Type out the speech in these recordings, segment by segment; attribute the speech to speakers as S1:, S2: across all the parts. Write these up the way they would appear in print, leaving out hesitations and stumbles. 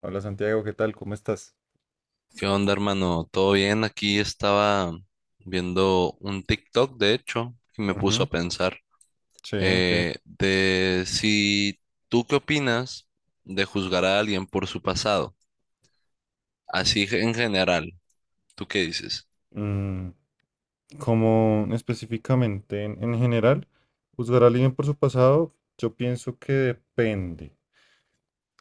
S1: Hola Santiago, ¿qué tal? ¿Cómo estás?
S2: ¿Qué onda, hermano? ¿Todo bien? Aquí estaba viendo un TikTok, de hecho, y me puso a
S1: Ujú.
S2: pensar
S1: Sí, ¿qué?
S2: de si tú qué opinas de juzgar a alguien por su pasado, así en general, ¿tú qué dices?
S1: mm, como específicamente en general, juzgar a alguien por su pasado, yo pienso que depende.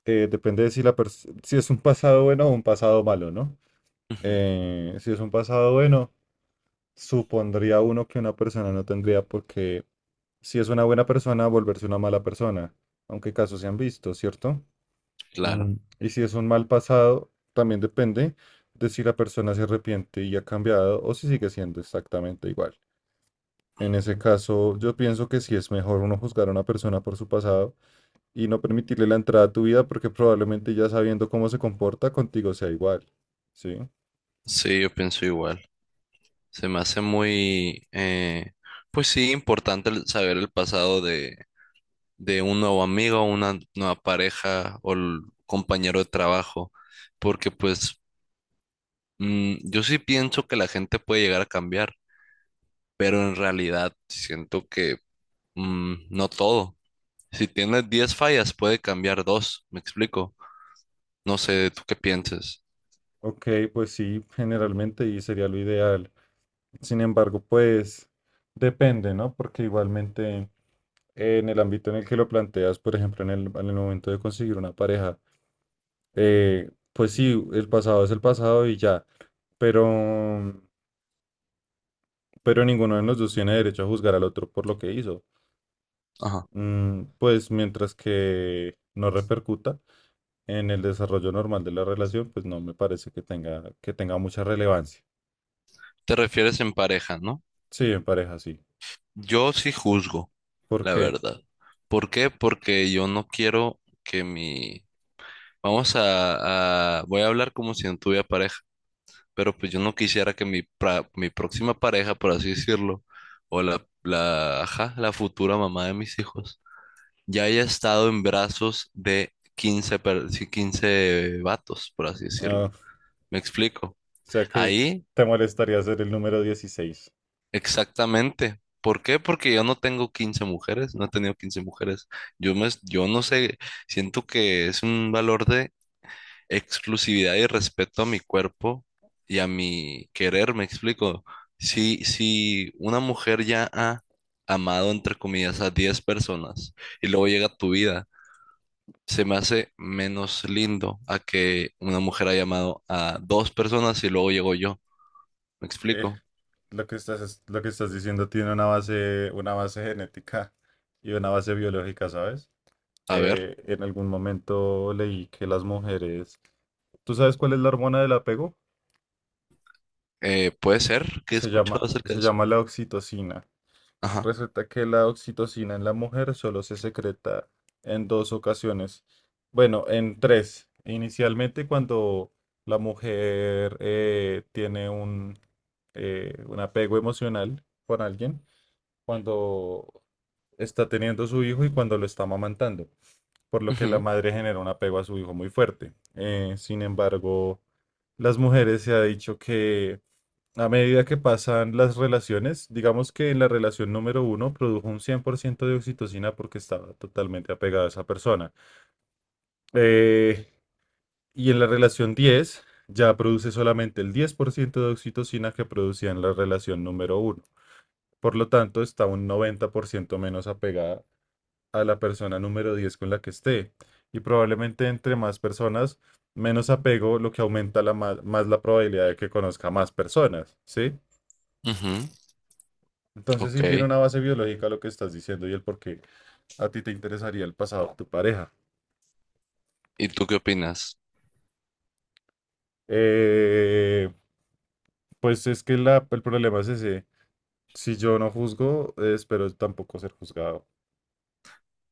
S1: Depende de si si es un pasado bueno o un pasado malo, ¿no?
S2: Ujú,
S1: Si es un pasado bueno, supondría uno que una persona no tendría por qué, si es una buena persona, volverse una mala persona, aunque casos se han visto, ¿cierto?
S2: claro,
S1: Mm. Y si es un mal pasado, también depende de si la persona se arrepiente y ha cambiado o si sigue siendo exactamente igual. En ese caso, yo pienso que sí es mejor uno juzgar a una persona por su pasado y no permitirle la entrada a tu vida porque probablemente ya sabiendo cómo se comporta contigo sea igual. ¿Sí?
S2: sí, yo pienso igual. Se me hace muy, pues sí, importante saber el pasado de un nuevo amigo, una nueva pareja o el compañero de trabajo, porque pues yo sí pienso que la gente puede llegar a cambiar, pero en realidad siento que no todo. Si tienes 10 fallas, puede cambiar dos, me explico. No sé, ¿tú qué piensas?
S1: Ok, pues sí, generalmente y sería lo ideal. Sin embargo, pues depende, ¿no? Porque igualmente en el ámbito en el que lo planteas, por ejemplo, en el momento de conseguir una pareja, pues sí, el pasado es el pasado y ya, pero, pero ninguno de los dos tiene derecho a juzgar al otro por lo que hizo.
S2: Ajá.
S1: Pues mientras que no repercuta en el desarrollo normal de la relación, pues no me parece que tenga mucha relevancia.
S2: Te refieres en pareja, ¿no?
S1: Sí, en pareja sí.
S2: Yo sí juzgo,
S1: ¿Por
S2: la
S1: qué?
S2: verdad. ¿Por qué? Porque yo no quiero que mi... Vamos a... Voy a hablar como si no tuviera pareja. Pero pues yo no quisiera que mi próxima pareja, por así decirlo, o ajá, la futura mamá de mis hijos, ya haya estado en brazos de sí, 15 vatos, por así decirlo.
S1: Ah,
S2: ¿Me explico?
S1: o sea que
S2: Ahí,
S1: te molestaría ser el número 16.
S2: exactamente. ¿Por qué? Porque yo no tengo 15 mujeres, no he tenido 15 mujeres. Yo no sé, siento que es un valor de exclusividad y respeto a mi cuerpo y a mi querer, me explico. Si una mujer ya ha amado, entre comillas, a 10 personas y luego llega tu vida, se me hace menos lindo a que una mujer haya amado a dos personas y luego llego yo. ¿Me
S1: Eh,
S2: explico?
S1: lo que estás diciendo tiene una base genética y una base biológica, ¿sabes?
S2: A ver,
S1: En algún momento leí que las mujeres, ¿tú sabes cuál es la hormona del apego?
S2: puede ser que he
S1: Se llama,
S2: escuchado acerca
S1: se
S2: de eso.
S1: llama la oxitocina.
S2: Ajá.
S1: Resulta que la oxitocina en la mujer solo se secreta en dos ocasiones. Bueno, en tres. Inicialmente cuando la mujer tiene un apego emocional con alguien, cuando está teniendo su hijo y cuando lo está amamantando, por lo que la
S2: Ujú,
S1: madre genera un apego a su hijo muy fuerte. Sin embargo, las mujeres se ha dicho que a medida que pasan las relaciones, digamos que en la relación número uno produjo un 100% de oxitocina porque estaba totalmente apegada a esa persona. Eh, y en la relación 10 ya produce solamente el 10% de oxitocina que producía en la relación número uno. Por lo tanto, está un 90% menos apegada a la persona número 10 con la que esté. Y probablemente entre más personas, menos apego, lo que aumenta la ma- más, la probabilidad de que conozca más personas, ¿sí?
S2: ujú,
S1: Entonces sí tiene
S2: ok.
S1: una base biológica lo que estás diciendo y el por qué a ti te interesaría el pasado de tu pareja.
S2: ¿Y tú qué opinas?
S1: Eh, pues es que el problema es ese. Si yo no juzgo, espero tampoco ser juzgado.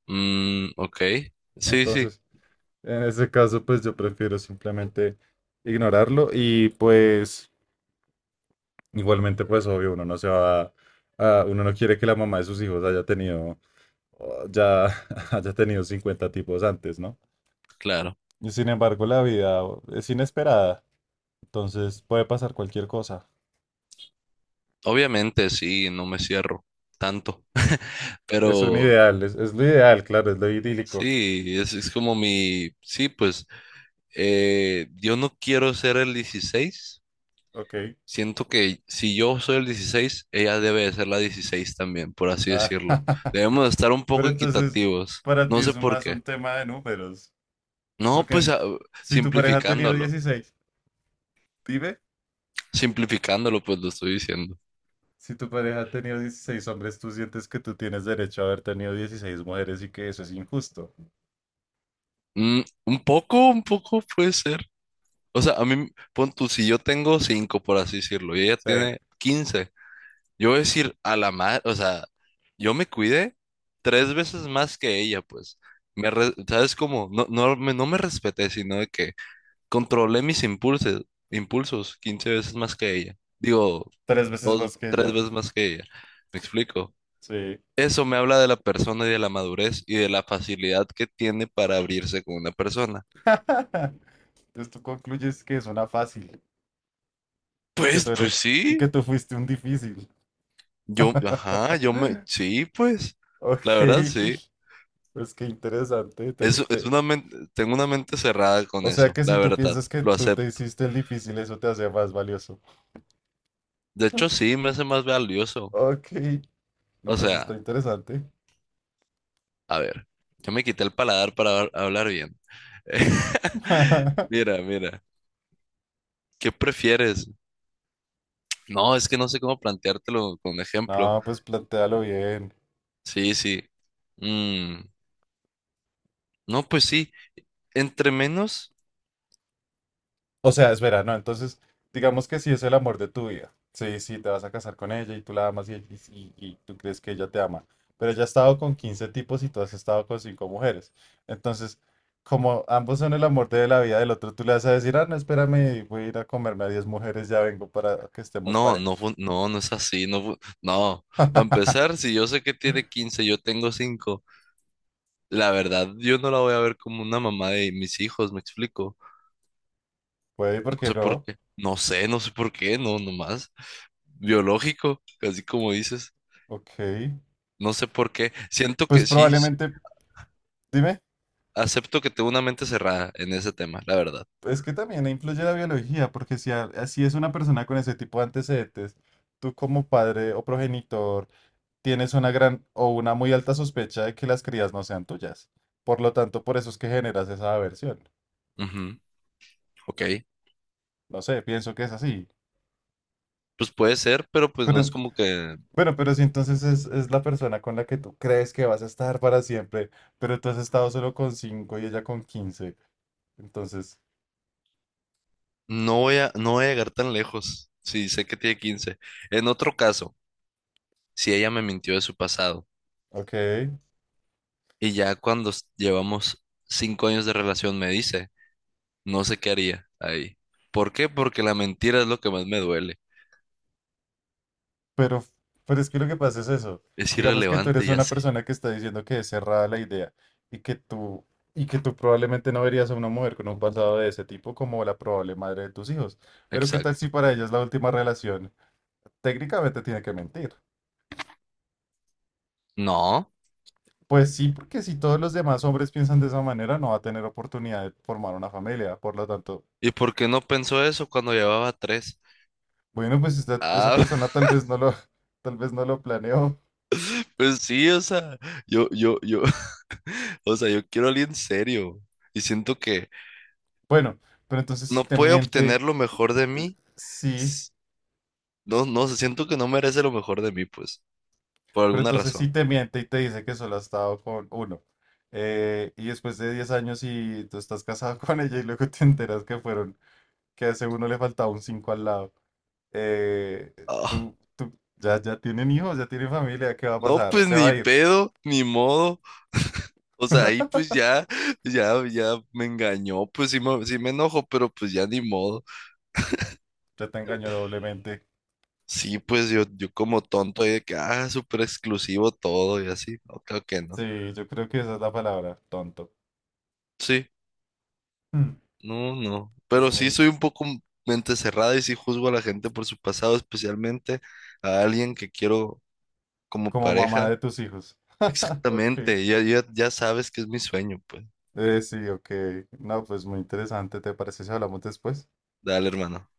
S2: Mm, ok. Sí, sí,
S1: Entonces, en ese caso, pues yo prefiero simplemente ignorarlo y pues igualmente, pues obvio, uno no se va a, uno no quiere que la mamá de sus hijos haya tenido oh, ya haya tenido 50 tipos antes, ¿no?
S2: claro.
S1: Y sin embargo, la vida es inesperada, entonces puede pasar cualquier cosa.
S2: Obviamente, sí, no me cierro tanto,
S1: Es un
S2: pero
S1: ideal, es lo ideal, claro, es lo idílico.
S2: sí, es como mi, sí, pues yo no quiero ser el 16.
S1: Ok.
S2: Siento que si yo soy el 16, ella debe de ser la 16 también, por así
S1: Ah,
S2: decirlo. Debemos de estar un
S1: pero
S2: poco
S1: entonces,
S2: equitativos,
S1: para ti
S2: no sé
S1: es
S2: por
S1: más
S2: qué.
S1: un tema de números,
S2: No, pues
S1: porque
S2: ah,
S1: si tu pareja ha tenido
S2: simplificándolo,
S1: 16, dime.
S2: simplificándolo, pues lo estoy diciendo.
S1: Si tu pareja ha tenido 16 hombres, tú sientes que tú tienes derecho a haber tenido 16 mujeres y que eso es injusto.
S2: Un poco, un poco puede ser. O sea, a mí, pon tú, si yo tengo 5, por así decirlo, y ella
S1: Sí,
S2: tiene... 15. Yo voy a decir a la madre, o sea, yo me cuidé tres veces más que ella, pues. ¿Sabes cómo? No, no, no me respeté, sino de que controlé mis impulsos, impulsos 15 veces más que ella. Digo,
S1: tres veces
S2: dos,
S1: más que
S2: tres
S1: ella.
S2: veces más que ella. ¿Me explico?
S1: Sí.
S2: Eso me habla de la persona y de la madurez y de la facilidad que tiene para abrirse con una persona.
S1: Entonces tú concluyes que es una fácil y que tú
S2: Pues, pues
S1: eres y
S2: sí.
S1: que tú fuiste un difícil.
S2: Yo, ajá, yo me, Sí, pues.
S1: Ok,
S2: La verdad, sí.
S1: pues qué interesante.
S2: Es, es una men- Tengo una mente cerrada con
S1: O sea
S2: eso,
S1: que si
S2: la
S1: tú
S2: verdad,
S1: piensas que
S2: lo
S1: tú te
S2: acepto.
S1: hiciste el difícil, eso te hace más valioso.
S2: De hecho, sí, me hace más valioso.
S1: Ok,
S2: O
S1: no, pues está
S2: sea,
S1: interesante.
S2: a ver, yo me quité el paladar para hablar bien. Mira, mira, ¿qué prefieres? No, es que no sé cómo planteártelo con ejemplo.
S1: No, pues plantéalo bien.
S2: Sí, sí. Mm, no, pues sí, entre menos,
S1: O sea, espera, no, entonces, digamos que si es el amor de tu vida, sí, sí, te vas a casar con ella y tú la amas y tú crees que ella te ama, pero ella ha estado con 15 tipos y tú has estado con 5 mujeres. Entonces, como ambos son el amor de la vida del otro, tú le vas a decir, ah, no, espérame, voy a ir a comerme a 10 mujeres, ya vengo para que estemos
S2: no, no,
S1: parejos.
S2: no, no es así, no, no. Para empezar, si yo sé que tiene 15, yo tengo cinco. La verdad, yo no la voy a ver como una mamá de mis hijos, me explico.
S1: Puede,
S2: No
S1: ¿por qué
S2: sé por
S1: no?
S2: qué. No sé por qué, no, nomás. Biológico, casi como dices.
S1: Ok.
S2: No sé por qué. Siento
S1: Pues
S2: que sí, sí,
S1: probablemente, dime.
S2: acepto que tengo una mente cerrada en ese tema, la verdad.
S1: Es que también influye la biología, porque si, si es una persona con ese tipo de antecedentes, tú como padre o progenitor tienes una gran o una muy alta sospecha de que las crías no sean tuyas. Por lo tanto, por eso es que generas esa aversión.
S2: Ujú, ok,
S1: No sé, pienso que es así.
S2: pues puede ser, pero pues no es
S1: Pero,
S2: como que
S1: bueno, si entonces es la persona con la que tú crees que vas a estar para siempre, pero tú has estado solo con 5 y ella con 15. Entonces,
S2: no voy a llegar tan lejos. Sí, sé que tiene 15. En otro caso, si ella me mintió de su pasado
S1: ok.
S2: y ya cuando llevamos 5 años de relación me dice. No sé qué haría ahí. ¿Por qué? Porque la mentira es lo que más me duele.
S1: Pero, pero, es que lo que pasa es eso.
S2: Es
S1: Digamos que tú eres
S2: irrelevante, ya
S1: una
S2: sé.
S1: persona que está diciendo que es cerrada la idea y que tú, probablemente no verías a una mujer con un pasado de ese tipo como la probable madre de tus hijos. Pero ¿qué tal
S2: Exacto.
S1: si para ella es la última relación? Técnicamente tiene que mentir.
S2: No.
S1: Pues sí, porque si todos los demás hombres piensan de esa manera, no va a tener oportunidad de formar una familia. Por lo tanto,
S2: ¿Y por qué no pensó eso cuando llevaba tres?
S1: bueno, pues esa
S2: Ah,
S1: persona tal vez no lo, tal vez no lo planeó.
S2: pues sí, o sea, yo, o sea, yo quiero a alguien serio. Y siento que
S1: Bueno, pero entonces si
S2: no
S1: te
S2: puede
S1: miente,
S2: obtener lo mejor de mí.
S1: sí.
S2: S- No, no, sé, siento que no merece lo mejor de mí, pues, por
S1: Pero
S2: alguna
S1: entonces sí
S2: razón.
S1: te miente y te dice que solo has estado con uno. Y después de 10 años y tú estás casado con ella y luego te enteras que fueron, que a ese uno le faltaba un 5 al lado. Eh,
S2: Ah,
S1: ya tienen hijos, ya tienen familia, ¿qué va a
S2: no,
S1: pasar?
S2: pues
S1: Se va
S2: ni
S1: a ir.
S2: pedo, ni modo. O sea, ahí pues ya me engañó, pues sí me enojo, pero pues ya ni modo.
S1: Ya te engañó doblemente.
S2: Sí, pues yo como tonto ahí de que, ah, súper exclusivo todo y así. No, claro que no.
S1: Sí, yo creo que esa es la palabra, tonto.
S2: Sí,
S1: Mm.
S2: no, no.
S1: Es
S2: Pero sí
S1: muy,
S2: soy un poco mente cerrada y sí juzgo a la gente por su pasado, especialmente a alguien que quiero como
S1: como mamá
S2: pareja.
S1: de tus hijos. Ok.
S2: Exactamente, ya sabes que es mi sueño, pues.
S1: Sí, ok. No, pues muy interesante. ¿Te parece si hablamos después?
S2: Dale, hermano.